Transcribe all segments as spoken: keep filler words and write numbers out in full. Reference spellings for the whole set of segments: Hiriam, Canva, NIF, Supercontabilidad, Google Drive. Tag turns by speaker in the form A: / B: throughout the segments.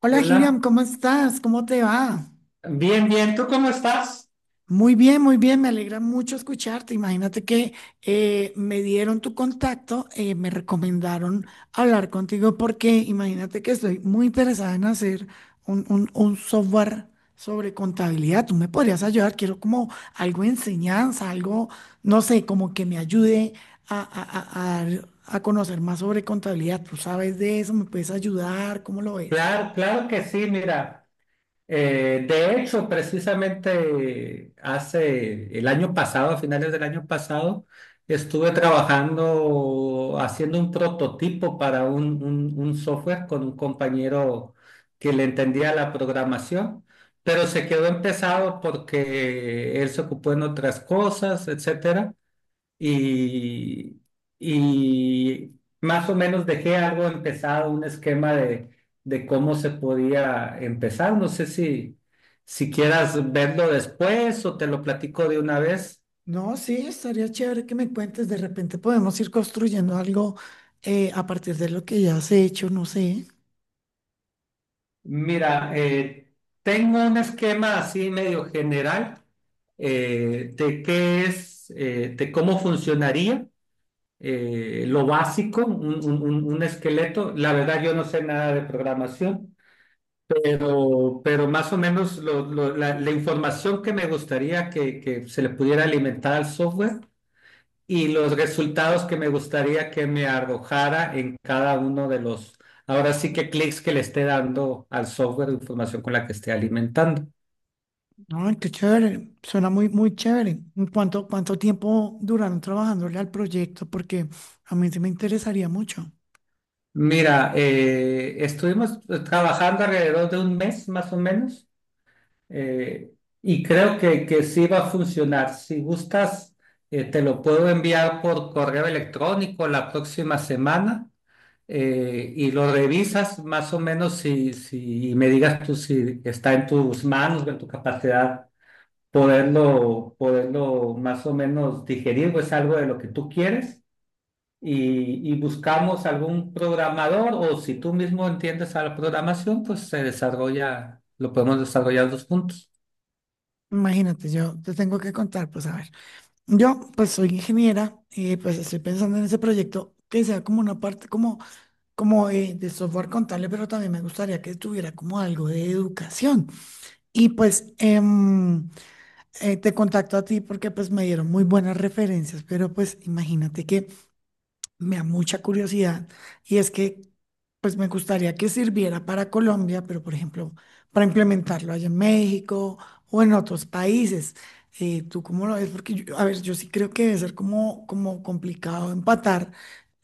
A: Hola, Hiriam,
B: Hola,
A: ¿cómo estás? ¿Cómo te va?
B: bien, bien, ¿tú cómo estás?
A: Muy bien, muy bien, me alegra mucho escucharte. Imagínate que eh, me dieron tu contacto, eh, me recomendaron hablar contigo porque imagínate que estoy muy interesada en hacer un, un- un software sobre contabilidad. Tú me podrías ayudar, quiero como algo de enseñanza, algo, no sé, como que me ayude a, a a- a dar a conocer más sobre contabilidad. ¿Tú sabes de eso? ¿Me puedes ayudar? ¿Cómo lo ves?
B: Claro, claro que sí, mira, eh, de hecho, precisamente hace el año pasado, a finales del año pasado, estuve trabajando haciendo un prototipo para un, un, un software con un compañero que le entendía la programación, pero se quedó empezado porque él se ocupó en otras cosas, etcétera. y, y más o menos dejé algo empezado, un esquema de, de cómo se podía empezar. No sé si, si quieras verlo después o te lo platico de una vez.
A: No, sí, estaría chévere que me cuentes. De repente podemos ir construyendo algo eh, a partir de lo que ya has hecho, no sé.
B: Mira, eh, tengo un esquema así medio general, eh, de qué es, eh, de cómo funcionaría. Eh, lo básico, un, un un- un esqueleto. La verdad, yo no sé nada de programación. Pero, pero más o menos lo- lo- la, la información que me gustaría que, que se le pudiera alimentar al software y los resultados que me gustaría que me arrojara en cada uno de los, ahora sí que clics que le esté dando al software de información con la que esté alimentando.
A: No, qué chévere. Suena muy, muy chévere. ¿En ¿Cuánto, cuánto tiempo duraron trabajándole al proyecto? Porque a mí sí me interesaría mucho.
B: Mira, eh, estuvimos trabajando alrededor de un mes más o menos. Eh, y creo que, que sí va a funcionar. Si gustas, eh, te lo puedo enviar por correo electrónico la próxima semana, eh, y lo revisas más o menos si, si y me digas tú si está en tus manos, en tu capacidad poderlo, poderlo más o menos digerir o es algo de lo que tú quieres. Y, y buscamos algún programador o si tú mismo entiendes a la programación, pues se desarrolla, lo podemos desarrollar dos puntos.
A: Imagínate, yo te tengo que contar, pues a ver. Yo, pues soy ingeniera y pues estoy pensando en ese proyecto que sea como una parte como, como eh, de software contable, pero también me gustaría que tuviera como algo de educación. Y pues... em, eh, te contacto a ti porque pues me dieron muy buenas referencias, pero pues imagínate que me da mucha curiosidad y es que pues me gustaría que sirviera para Colombia, pero, por ejemplo, para implementarlo allá en México o en otros países. Eh, ¿tú cómo lo ves? Porque yo- a ver, yo sí creo que debe ser como, como complicado empatar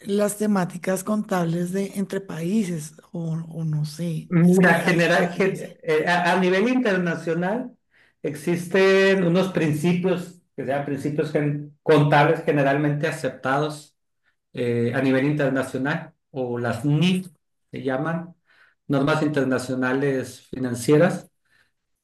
A: las temáticas contables de entre países o, o no sé, es que
B: Mira,
A: ahí es
B: general,
A: donde no
B: gen-
A: sé.
B: eh, a, a nivel internacional existen unos principios, que sean principios gen- contables generalmente aceptados eh, a nivel internacional, o las N I F se llaman, normas internacionales financieras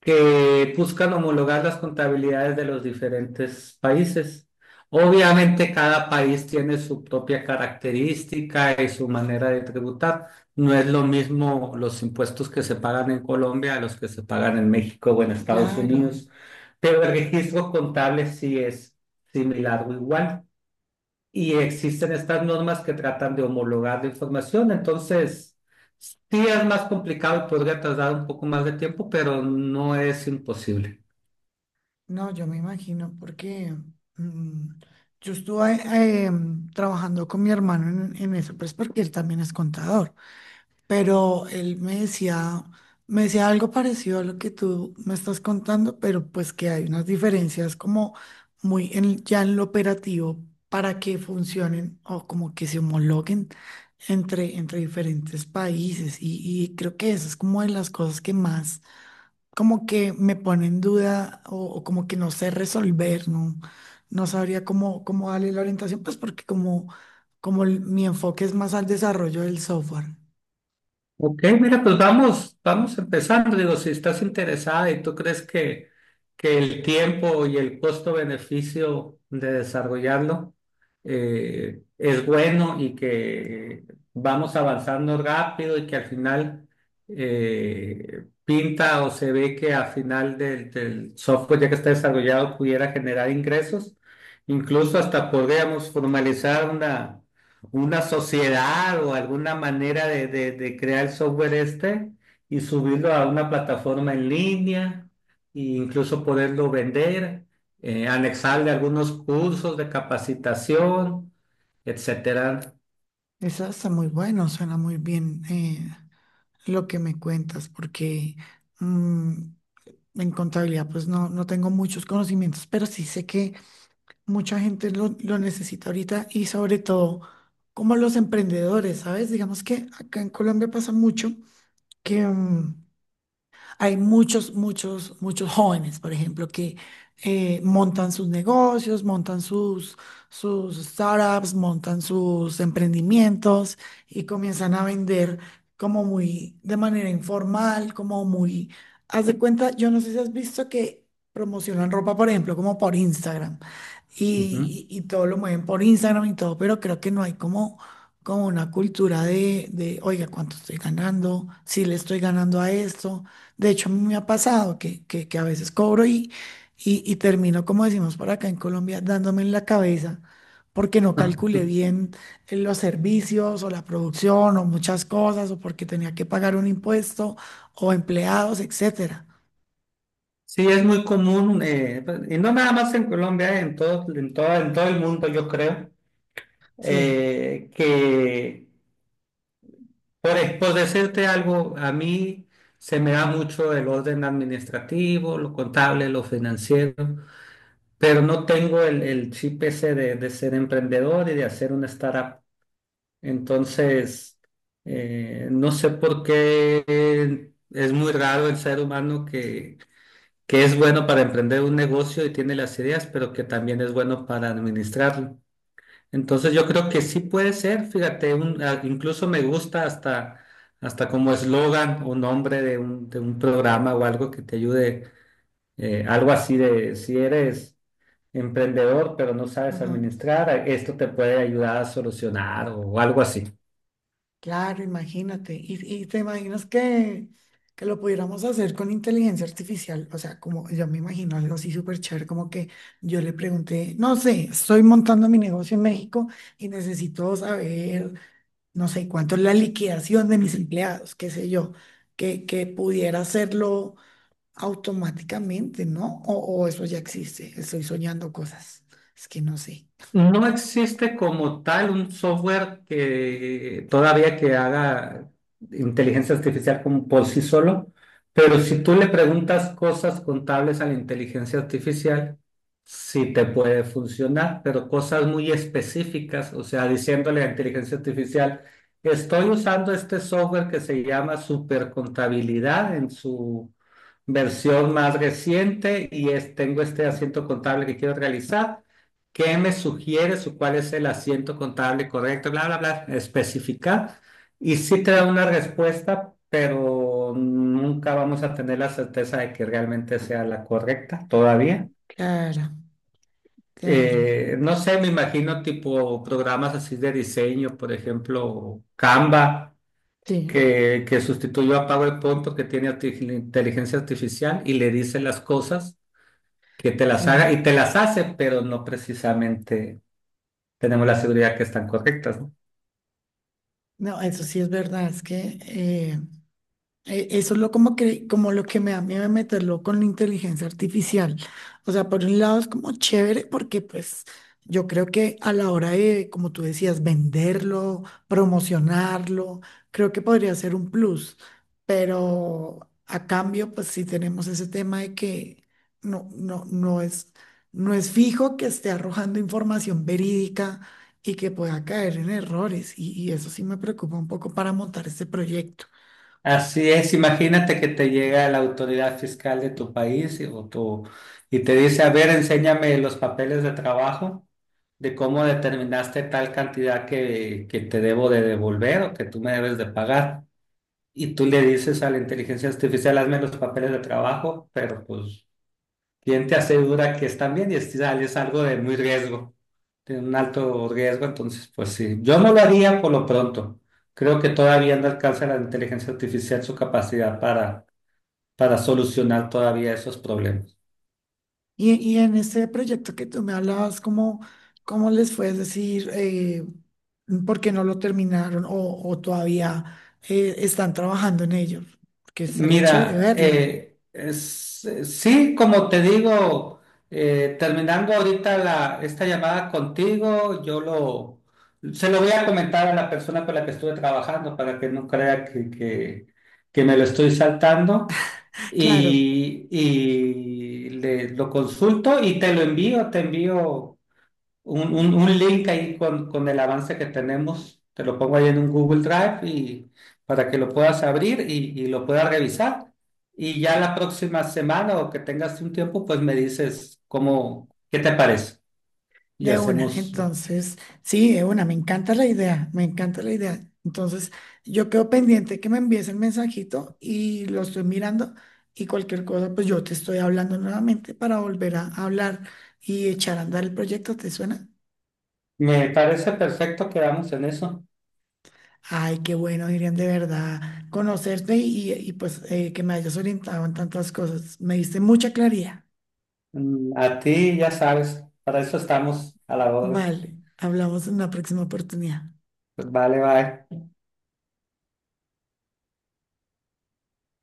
B: que buscan homologar las contabilidades de los diferentes países. Obviamente cada país tiene su propia característica y su manera de tributar. No es lo mismo los impuestos que se pagan en Colombia a los que se pagan en México o en Estados
A: Claro.
B: Unidos, pero el registro contable sí es similar o igual y existen estas normas que tratan de homologar la información. Entonces, sí es más complicado y podría tardar un poco más de tiempo, pero no es imposible.
A: No, yo me imagino porque mm, yo estuve eh, mm, trabajando con mi hermano en, en eso, pues porque él también es contador, pero él me decía, me decía algo parecido a lo que tú me estás contando, pero pues que hay unas diferencias como muy en- ya en lo operativo para que funcionen o como que se homologuen entre, entre diferentes países y, y creo que eso es como de las cosas que más como que me pone en duda o, o como que no sé resolver, no, no sabría cómo, cómo darle la orientación, pues porque como, como el- mi enfoque es más al desarrollo del software.
B: Ok, mira, pues vamos, vamos empezando. Digo, si estás interesada y tú crees que, que el tiempo y el costo-beneficio de desarrollarlo eh, es bueno y que vamos avanzando rápido y que al final eh, pinta o se ve que al final del, del software ya que está desarrollado pudiera generar ingresos, incluso hasta podríamos formalizar una una sociedad o alguna manera de, de- de crear el software este y subirlo a una plataforma en línea e incluso poderlo vender, eh, anexarle algunos cursos de capacitación, etcétera.
A: Eso está muy bueno, suena muy bien, eh, lo que me cuentas, porque mm, en contabilidad pues no, no tengo muchos conocimientos, pero sí sé que mucha gente lo, lo necesita ahorita y sobre todo como los emprendedores, ¿sabes? Digamos que acá en Colombia pasa mucho que... mm, hay muchos, muchos, muchos jóvenes, por ejemplo, que eh, montan sus negocios, montan sus, sus startups, montan sus emprendimientos y comienzan a vender como muy de manera informal, como muy... Haz de cuenta, yo no sé si has visto que promocionan ropa, por ejemplo, como por Instagram
B: Ujú.
A: y, y- y todo lo mueven por Instagram y todo, pero creo que no hay como como una cultura de, de, oiga, ¿cuánto estoy ganando? Si le estoy ganando a esto. De hecho, a mí me ha pasado que, que, que a veces cobro y, y, y termino, como decimos por acá en Colombia, dándome en la cabeza porque no calculé bien eh, los servicios o la producción o muchas cosas o porque tenía que pagar un impuesto o empleados, etcétera.
B: Sí, es muy común, eh, y no nada más en Colombia, en todo, en todo, en todo el mundo, yo creo,
A: Sí.
B: eh, que Por, e, por decirte algo, a mí se me da mucho el orden administrativo, lo contable, lo financiero, pero no tengo el, el chip ese de, de ser emprendedor y de hacer una startup. Entonces, eh, no sé por qué es muy raro el ser humano que, que es bueno para emprender un negocio y tiene las ideas, pero que también es bueno para administrarlo. Entonces yo creo que sí puede ser, fíjate, un- a- incluso me gusta hasta, hasta como eslogan o nombre de un, de un programa o algo que te ayude, eh, algo así de si eres emprendedor pero no sabes
A: Ajá.
B: administrar, esto te puede ayudar a solucionar o algo así.
A: Claro, imagínate. Y, y te imaginas que, que lo pudiéramos hacer con inteligencia artificial. O sea, como yo me imagino algo así súper chévere, como que yo le pregunté, no sé, estoy montando mi negocio en México y necesito saber, no sé, cuánto es la liquidación de mis empleados, qué sé yo, que, que pudiera hacerlo automáticamente, ¿no? O, o eso ya existe, estoy soñando cosas. Es que no sé.
B: No existe como tal un software que todavía que haga inteligencia artificial como por sí solo, pero si tú le preguntas cosas contables a la inteligencia artificial, sí te puede funcionar, pero cosas muy específicas, o sea, diciéndole a la inteligencia artificial, estoy usando este software que se llama Supercontabilidad en su versión más reciente y es, tengo este asiento contable que quiero realizar. ¿Qué me sugieres o cuál es el asiento contable correcto? Bla, bla, bla, especificar. Y sí te da una respuesta, pero nunca vamos a tener la certeza de que realmente sea la correcta todavía.
A: Claro, claro.
B: Eh, no sé, me imagino tipo programas así de diseño, por ejemplo, Canva,
A: Sí,
B: que, que sustituyó a PowerPoint porque tiene arti- inteligencia artificial y le dice las cosas que te las haga y
A: sí.
B: te las hace, pero no precisamente tenemos la seguridad que están correctas, ¿no?
A: No, eso sí es verdad, es que eh, eh, eso es lo como que, como lo que me da miedo de meterlo con la inteligencia artificial. O sea, por un lado es como chévere porque pues yo creo que a la hora de, como tú decías, venderlo, promocionarlo, creo que podría ser un plus. Pero a cambio, pues sí tenemos ese tema de que no, no, no es, no es fijo que esté arrojando información verídica y que pueda caer en errores. Y, y eso sí me preocupa un poco para montar este proyecto.
B: Así es, imagínate que te llega la autoridad fiscal de tu país y, o tu- y te dice, a ver, enséñame los papeles de trabajo de cómo determinaste tal cantidad que, que te debo de devolver o que tú me debes de pagar. Y tú le dices a la inteligencia artificial, hazme los papeles de trabajo, pero pues ¿quién te asegura que están bien? Y es, es algo de muy riesgo, de un alto riesgo. Entonces, pues sí, yo no lo haría por lo pronto. Creo que todavía no alcanza la inteligencia artificial su capacidad para, para solucionar todavía esos problemas.
A: Y, y en ese proyecto que tú me hablabas, ¿cómo, cómo les fue? Decir, eh, ¿por qué no lo terminaron o, o todavía eh, están trabajando en ello? Porque estaría chévere
B: Mira,
A: verlo.
B: eh, es- eh, sí, como te digo, eh, terminando ahorita la, esta llamada contigo, yo lo, se lo voy a comentar a la persona con la que estuve trabajando para que no crea que, que, que me lo estoy saltando
A: Claro,
B: y, y le, lo consulto y te lo envío, te envío un, un- un link ahí con, con el avance que tenemos. Te lo pongo ahí en un Google Drive y para que lo puedas abrir y, y lo puedas revisar. Y ya la próxima semana o que tengas un tiempo, pues me dices cómo, qué te parece. Y
A: de una.
B: hacemos.
A: Entonces, sí, de una. Me encanta la idea, me encanta la idea. Entonces, yo quedo pendiente que me envíes el mensajito y lo estoy mirando y cualquier cosa, pues yo te estoy hablando nuevamente para volver a hablar y echar a andar el proyecto. ¿Te suena?
B: Me parece perfecto, quedamos en eso.
A: Ay, qué bueno, Irian, de verdad, conocerte y, y, pues eh, que me hayas orientado en tantas cosas. Me diste mucha claridad.
B: Mm, a ti ya sabes, para eso estamos a la orden.
A: Vale, hablamos en la próxima oportunidad.
B: Pues vale, bye.